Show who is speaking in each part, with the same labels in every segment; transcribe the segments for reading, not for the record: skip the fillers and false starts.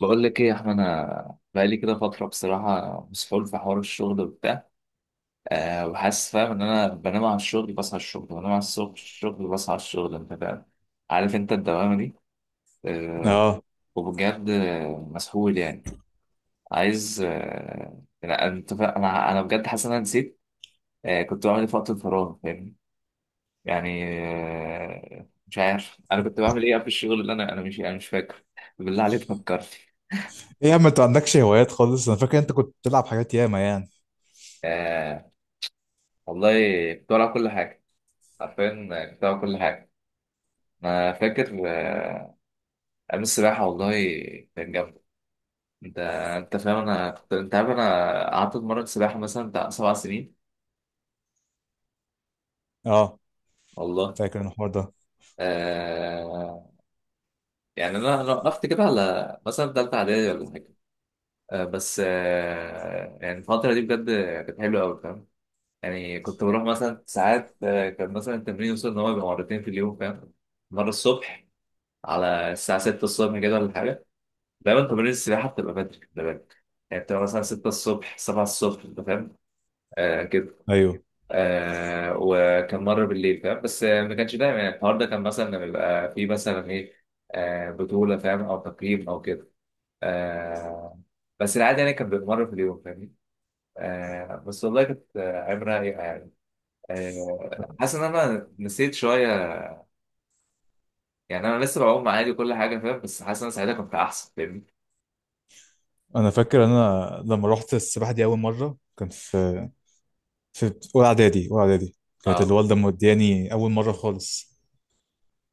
Speaker 1: بقول لك ايه يا احمد، انا بقالي كده فتره بصراحه مسحول في حوار الشغل وبتاع. وحاسس فاهم ان انا بنام على الشغل، بصحى على الشغل، بنام على الصبح الشغل بصحى على الشغل، انت فاهم؟ عارف انت الدوامه دي؟ أه
Speaker 2: اه،
Speaker 1: وبجد مسحول يعني. عايز لا، انت انا بجد حاسس ان انا نسيت كنت بعمل ايه في وقت الفراغ، فاهمني؟ يعني مش عارف انا كنت بعمل ايه قبل الشغل، اللي انا مش فاكر. بالله عليك فكرتي.
Speaker 2: ايه يا عم، انت ما عندكش هوايات خالص؟ انا فاكر انت كنت بتلعب حاجات ياما، يعني.
Speaker 1: أه والله كنت بلعب كل حاجه، حرفيا بتاع كل حاجة. أنا فاكر أيام السباحة والله كانت جامدة. أنت أنت عارف أنا قعدت أتمرن سباحة مثلا بتاع 7 سنين
Speaker 2: اه،
Speaker 1: والله.
Speaker 2: فاكر انا الحوار ده،
Speaker 1: آه... يعني أنا وقفت كده على مثلا تالتة إعدادي ولا حاجة. بس يعني الفترة دي بجد كانت حلوة أوي، فاهم؟ يعني كنت بروح مثلا ساعات، كان مثلا التمرين يوصل إن هو يبقى مرتين في اليوم، فاهم؟ مرة الصبح على الساعة 6 الصبح كده ولا حاجة. دايما تمارين السباحة بتبقى بدري، خلي بالك. يعني بتبقى مثلا 6 الصبح 7 الصبح، أنت فاهم؟ كده.
Speaker 2: ايوه.
Speaker 1: وكان مرة بالليل، فاهم؟ بس ما كانش دايما. يعني الحوار ده كان مثلا لما بيبقى في مثلا إيه، بطولة، فاهم؟ أو تقييم أو كده. آه بس العادة يعني كان بيبقى مرة في اليوم، فاهمني. بس والله كانت عبرة رايقة يعني. حاسس إن أنا نسيت شوية. يعني أنا لسه بعوم عادي وكل حاجة، فاهم؟ بس حاسس إن أنا ساعتها كنت أحسن، فاهمني.
Speaker 2: انا فاكر انا لما رحت السباحه دي اول مره، كان في اولى اعدادي، اولى اعدادي. كانت
Speaker 1: أه
Speaker 2: الوالده مودياني اول مره خالص.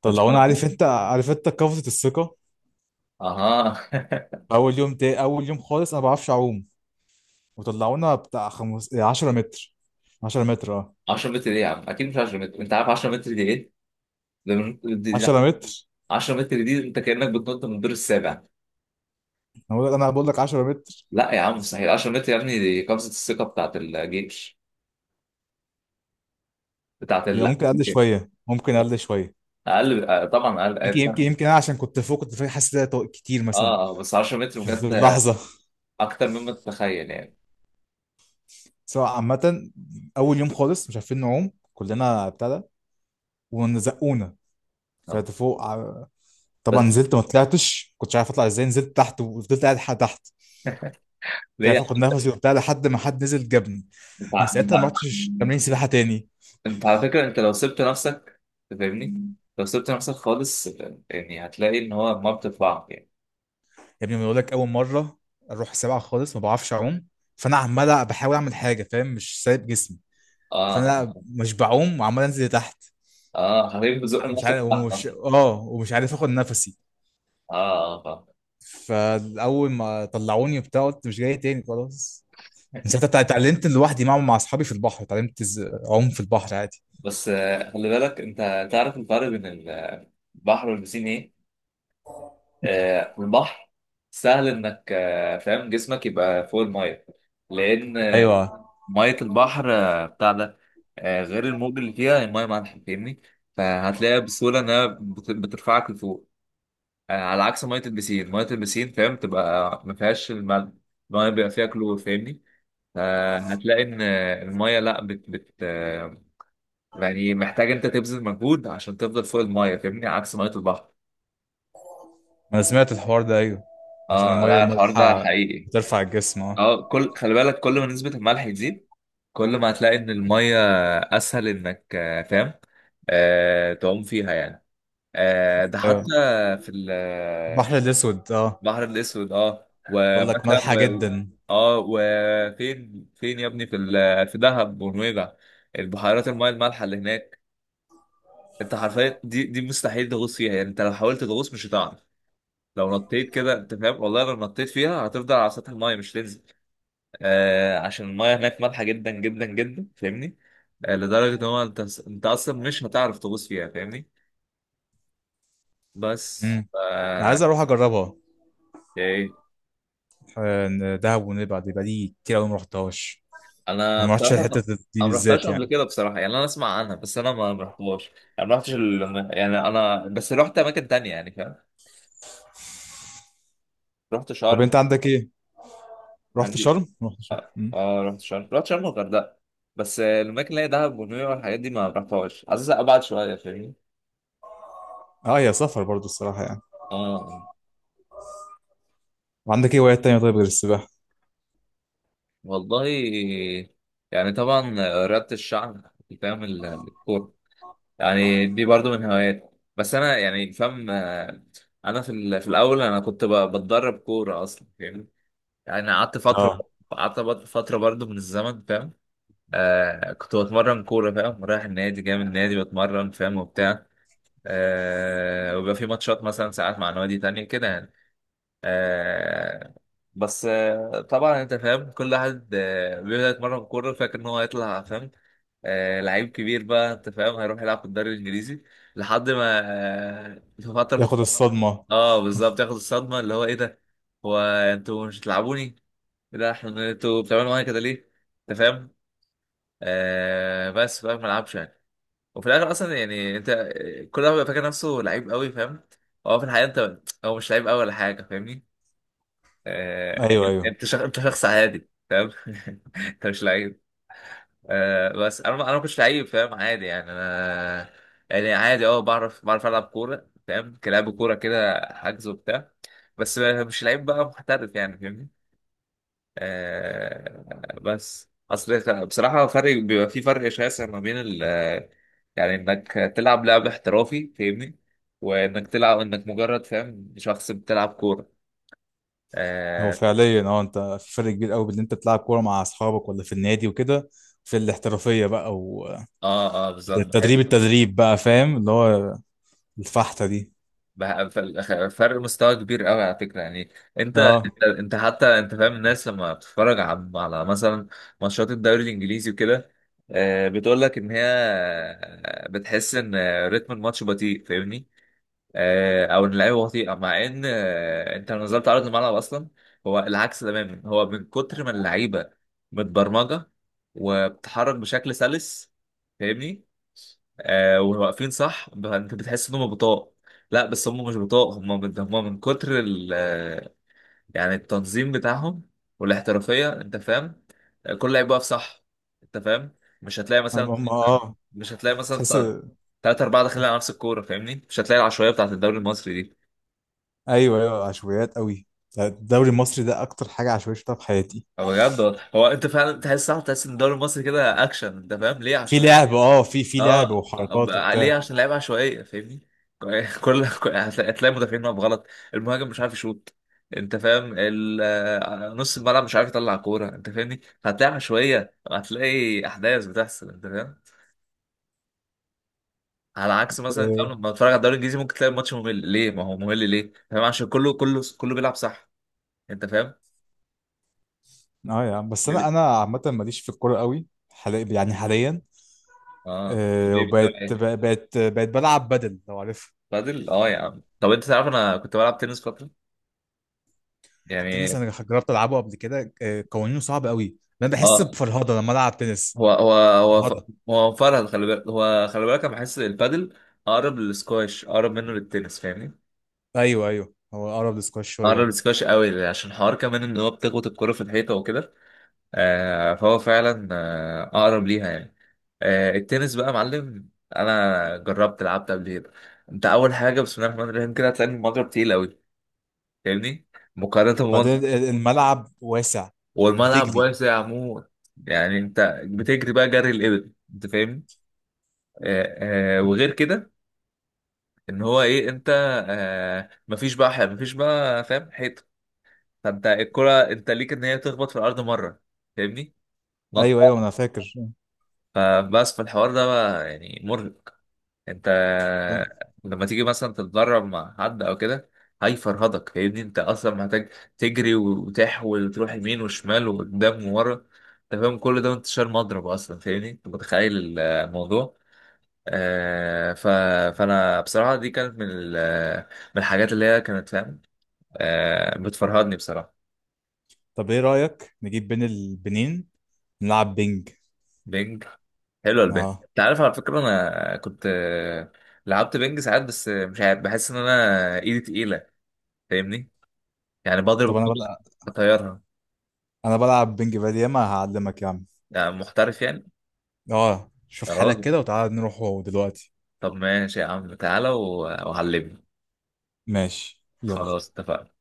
Speaker 1: كنت
Speaker 2: طلعونا، عارف
Speaker 1: فاهم.
Speaker 2: انت عارف انت قفزه الثقه.
Speaker 1: أها.
Speaker 2: اول يوم، تاني اول يوم خالص، انا ما بعرفش اعوم. وطلعونا بتاع 10 متر. 10 متر، اه.
Speaker 1: 10 متر ايه يا عم؟ اكيد مش 10 متر، انت عارف 10 متر دي ايه؟ ده مش...
Speaker 2: 10 متر.
Speaker 1: 10 متر دي انت كانك بتنط من الدور السابع.
Speaker 2: انا بقول لك 10 متر.
Speaker 1: لا يا عم، مستحيل 10 متر يا ابني، دي قفزه الثقه بتاعت الجيش، بتاعت ال
Speaker 2: يبقى ممكن اقل
Speaker 1: ممكن
Speaker 2: شويه، ممكن اقل شويه.
Speaker 1: اقل. طبعا اقل،
Speaker 2: يمكن يمكن يمكن انا عشان كنت فوق، كنت فاكر حاسس إن ده كتير
Speaker 1: اه
Speaker 2: مثلا،
Speaker 1: بس 10 متر
Speaker 2: في
Speaker 1: بجد
Speaker 2: اللحظه،
Speaker 1: اكتر مما تتخيل يعني.
Speaker 2: سواء عامه. اول يوم خالص مش عارفين نعوم، كلنا ابتدى وزقونا.
Speaker 1: آه.
Speaker 2: طلعت فوق طبعا
Speaker 1: بس.
Speaker 2: نزلت. ما طلعتش، كنتش عارف اطلع ازاي، نزلت تحت وفضلت قاعد لحد تحت. مش
Speaker 1: ليه يا
Speaker 2: عارف
Speaker 1: عم
Speaker 2: اخد
Speaker 1: انت؟
Speaker 2: نفسي وبتاع، لحد ما حد نزل جابني.
Speaker 1: انت
Speaker 2: من ساعتها ما
Speaker 1: انت
Speaker 2: رحتش تمرين سباحه تاني.
Speaker 1: انت على فكره، انت لو سبت نفسك فاهمني، لو سبت نفسك خالص، يعني هتلاقي ان هو ما بتطلع يعني.
Speaker 2: يا ابني، بقول لك اول مره اروح سباحه خالص ما بعرفش اعوم. فانا عمال بحاول اعمل حاجه، فاهم، مش سايب جسمي.
Speaker 1: اه، اه
Speaker 2: فانا مش بعوم وعمال انزل لتحت.
Speaker 1: حبيبي بزق
Speaker 2: مش عارف
Speaker 1: نفسك تحت.
Speaker 2: ومش اه ومش عارف اخد نفسي.
Speaker 1: اه، اه فاهم.
Speaker 2: فاول ما طلعوني وبتاع، قلت مش جاي تاني، خلاص. من ساعتها اتعلمت لوحدي، مع اصحابي في البحر، اتعلمت اعوم في البحر عادي.
Speaker 1: بس خلي بالك، انت تعرف الفرق بين البحر والبسين ايه؟ البحر سهل انك فاهم جسمك يبقى فوق الميه، لان
Speaker 2: ايوه، ما
Speaker 1: ميه البحر بتاع ده غير الموج اللي فيها، الميه مالحه، فاهمني؟ فهتلاقيها بسهوله انها بترفعك لفوق. على عكس ميه البسين، ميه البسين فاهم تبقى ما فيهاش الملح، الميه بيبقى فيها كلور، فاهمني؟ فهتلاقي ان الميه لا بت بت يعني محتاج انت تبذل مجهود عشان تفضل فوق المايه، فاهمني؟ عكس ميه البحر.
Speaker 2: انا سمعت الحوار ده، ايوه، عشان
Speaker 1: اه
Speaker 2: الميه
Speaker 1: لا، الحوار ده
Speaker 2: المالحه
Speaker 1: حقيقي.
Speaker 2: بترفع الجسم، اه.
Speaker 1: اه، كل خلي بالك، كل ما نسبة الملح تزيد كل ما هتلاقي ان المية اسهل انك فاهم تعوم فيها يعني. ده حتى
Speaker 2: ايوه،
Speaker 1: في
Speaker 2: البحر الاسود، اه،
Speaker 1: البحر الاسود. اه،
Speaker 2: بقول لك
Speaker 1: ومثلا
Speaker 2: مالحه
Speaker 1: و...
Speaker 2: جدا.
Speaker 1: اه وفين فين يا ابني في ال... في دهب ونويبع، البحيرات المياه المالحة اللي هناك انت حرفيا، دي مستحيل تغوص فيها. يعني انت لو حاولت تغوص مش هتعرف، لو نطيت كده انت فاهم، والله لو نطيت فيها هتفضل على سطح المايه مش تنزل. عشان المايه هناك مالحه جدا جدا جدا، فاهمني. لدرجه ان هو انت اصلا مش هتعرف تغوص فيها، فاهمني. بس
Speaker 2: امم انا عايز
Speaker 1: آه.
Speaker 2: اروح اجربها.
Speaker 1: ايه؟
Speaker 2: دهب ونبع دي بقالي كتير قوي، ما رحتهاش.
Speaker 1: انا
Speaker 2: ما رحتش
Speaker 1: بصراحه
Speaker 2: الحته
Speaker 1: ما،
Speaker 2: دي
Speaker 1: أنا ما رحتهاش
Speaker 2: بالذات،
Speaker 1: قبل
Speaker 2: يعني.
Speaker 1: كده بصراحه، يعني انا اسمع عنها بس انا ما رحتهاش. يعني ما رحتش ال... يعني انا بس رحت اماكن تانية يعني فاهم، رحت
Speaker 2: طب،
Speaker 1: شرم.
Speaker 2: انت عندك ايه؟ رحت
Speaker 1: عندي
Speaker 2: شرم، رحت شرم.
Speaker 1: اه، رحت شرم، رحت شرم والغردقه. بس الاماكن اللي هي دهب ونويبع والحاجات دي ما رحتهاش، عايز ابعد شويه فاهمني.
Speaker 2: اه، يا سفر برضو الصراحة، يعني.
Speaker 1: اه
Speaker 2: وعندك ايه هوايات تانية طيب، غير السباحة؟
Speaker 1: والله. يعني طبعا رياضة الشعب، فاهم؟ الكورة يعني دي برضو من هواياتي. بس أنا يعني فاهم أنا في في الأول أنا كنت بتدرب كورة أصلا، فاهم؟ يعني قعدت فترة،
Speaker 2: اه،
Speaker 1: قعدت فترة برضو من الزمن، فاهم؟ كنت بتمرن كورة، فاهم؟ رايح النادي جاي من النادي بتمرن، فاهم؟ وبتاع. وبيبقى في ماتشات مثلا ساعات مع نوادي تانية كده يعني. آه بس طبعا انت فاهم كل واحد بيبدأ يتمرن كورة فاكر ان هو هيطلع، فاهم؟ لعيب كبير بقى، انت فاهم هيروح يلعب في الدوري الانجليزي لحد ما في فترة مف...
Speaker 2: ياخد الصدمة.
Speaker 1: اه بالظبط ياخد الصدمة اللي هو ايه ده؟ هو انتوا مش بتلعبوني؟ إيه ده، احنا انتوا بتعملوا معايا كده ليه؟ انت فاهم. بس فاهم ما لعبش يعني. وفي الاخر اصلا يعني انت كل واحد بيبقى فاكر نفسه لعيب قوي، فاهم؟ هو في الحقيقة انت هو مش لعيب قوي ولا حاجة، فاهمني.
Speaker 2: ايوه
Speaker 1: يعني
Speaker 2: ايوه،
Speaker 1: انت شخ... انت شخص عادي، فاهم؟ انت مش لعيب. بس انا ما كنتش لعيب فاهم، عادي يعني انا، يعني عادي اه، بعرف العب كوره فاهم كلاعب كوره كده حجز وبتاع، بس مش لعيب بقى محترف يعني، فاهمني. بس اصل بصراحه فرق بيبقى في فرق شاسع ما بين ال، يعني انك تلعب لعب احترافي، فاهمني؟ وانك تلعب انك مجرد فاهم شخص بتلعب كوره.
Speaker 2: هو
Speaker 1: اه.
Speaker 2: فعليا، انت في فرق كبير قوي بين ان انت بتلعب كورة مع اصحابك ولا في النادي وكده، في الاحترافية بقى.
Speaker 1: اه بالظبط.
Speaker 2: والتدريب، التدريب بقى فاهم، اللي هو الفحتة دي.
Speaker 1: بقى في الآخر فرق مستوى كبير قوي على فكره يعني. انت
Speaker 2: اه،
Speaker 1: انت انت حتى انت فاهم الناس لما بتتفرج على مثلا ماتشات الدوري الانجليزي وكده بتقول لك ان هي بتحس ان رتم الماتش بطيء، فاهمني؟ او ان اللعيبه بطيئه مع ان انت لو نزلت عرض الملعب اصلا هو العكس تماما، هو من كتر ما اللعيبه متبرمجه وبتتحرك بشكل سلس، فاهمني. واقفين صح انت بتحس ان هم بطاء. لا بس هم مش بطاء، هم من كتر ال يعني التنظيم بتاعهم والاحترافيه، انت فاهم. كل لعيب واقف صح، انت فاهم. مش هتلاقي مثلا
Speaker 2: هم، اه،
Speaker 1: مش هتلاقي مثلا
Speaker 2: تحس،
Speaker 1: تلاتة أربعة داخلين على نفس الكورة، فاهمني. مش هتلاقي العشوائية بتاعت الدوري المصري دي.
Speaker 2: ايوه ايوه، عشوائيات قوي. الدوري المصري ده اكتر حاجة عشوائية شفتها في حياتي.
Speaker 1: هو بجد والله. هو أنت فعلا تحس، صح تحس إن الدوري المصري كده أكشن، أنت فاهم ليه؟
Speaker 2: في
Speaker 1: عشان
Speaker 2: لعب، في لعب
Speaker 1: اه
Speaker 2: وحركات
Speaker 1: ليه؟
Speaker 2: وبتاع،
Speaker 1: عشان لعيبه عشوائيه، فاهمني. هتلاقي مدافعين واقف غلط، المهاجم مش عارف يشوط، انت فاهم نص الملعب مش عارف يطلع كوره، انت فاهمني. هتلاقي عشوائيه، هتلاقي احداث بتحصل انت فاهم، على عكس مثلا فاهم
Speaker 2: اه.
Speaker 1: لما بتتفرج على الدوري الانجليزي ممكن تلاقي الماتش ممل، ليه؟ ما هو ممل ليه فاهم؟ عشان كله بيلعب صح، انت فاهم.
Speaker 2: آه، يا عم، بس انا
Speaker 1: بيبي.
Speaker 2: انا عامة ماليش في الكورة قوي حاليا، يعني حاليا.
Speaker 1: اه طب ايه بتتابع
Speaker 2: وبقت
Speaker 1: ايه؟
Speaker 2: بقت بقت بلعب بدل، لو عارف.
Speaker 1: بادل، اه يا عم. طب انت تعرف انا كنت بلعب تنس فتره
Speaker 2: التنس
Speaker 1: يعني.
Speaker 2: انا جربت العبه قبل كده، قوانينه صعب قوي. انا بحس
Speaker 1: اه
Speaker 2: بفرهده لما العب تنس،
Speaker 1: هو
Speaker 2: فرهده.
Speaker 1: هو فرهد، خلي بالك. هو خلي بالك انا بحس البادل اقرب للسكواش اقرب منه للتنس، فاهمني.
Speaker 2: ايوه ايوه، هو اقرب لسكواش شويه
Speaker 1: اقرب
Speaker 2: اكتر.
Speaker 1: للسكواش قوي عشان حوار كمان ان هو بتخبط الكرة في الحيطة وكده. فهو فعلا اقرب ليها يعني. التنس بقى يا معلم، انا جربت لعبت قبل كده. انت اول حاجة بسم الله الرحمن الرحيم كده هتلاقي المضرب تقيل قوي، فاهمني. مقارنة
Speaker 2: بعدين
Speaker 1: بمضرب،
Speaker 2: الملعب واسع،
Speaker 1: والملعب
Speaker 2: بتجري.
Speaker 1: واسع عموما. يعني انت بتجري بقى جري الابل، انت فاهمني. وغير كده ان هو ايه انت. مفيش بقى مفيش بقى فاهم حيطه، فانت الكره انت ليك ان هي تخبط في الارض مره، فاهمني. نط.
Speaker 2: ايوه ايوه، انا فاكر.
Speaker 1: فبس في الحوار ده بقى يعني مرهق، انت
Speaker 2: لا.
Speaker 1: لما تيجي مثلا تتدرب مع حد او كده هيفرهدك، فاهمني. انت اصلا محتاج تجري وتحول وتروح يمين وشمال وقدام وورا، انت فاهم كل ده وانت شايل مضرب اصلا، فاهمني. انت متخيل الموضوع. ف... فانا بصراحه دي كانت من ال... من الحاجات اللي هي كانت فاهم بتفرهدني بصراحة.
Speaker 2: طب، ايه رايك نجيب بين البنين، نلعب بينج؟
Speaker 1: بينج. حلوة البينج،
Speaker 2: اه،
Speaker 1: انت عارف على فكرة، انا كنت لعبت بينج ساعات بس مش عارف بحس ان انا ايدي تقيلة، فاهمني. يعني بضرب
Speaker 2: طب،
Speaker 1: الكورة اطيرها.
Speaker 2: انا بلعب بينج بقالي ياما، هعلمك يا عم.
Speaker 1: يعني محترف يعني؟
Speaker 2: اه، شوف
Speaker 1: يا
Speaker 2: حالك
Speaker 1: راجل،
Speaker 2: كده وتعالى نروح هو دلوقتي.
Speaker 1: طب ماشي يا عم تعالى وعلمني.
Speaker 2: ماشي يلا.
Speaker 1: خلاص اتفقنا.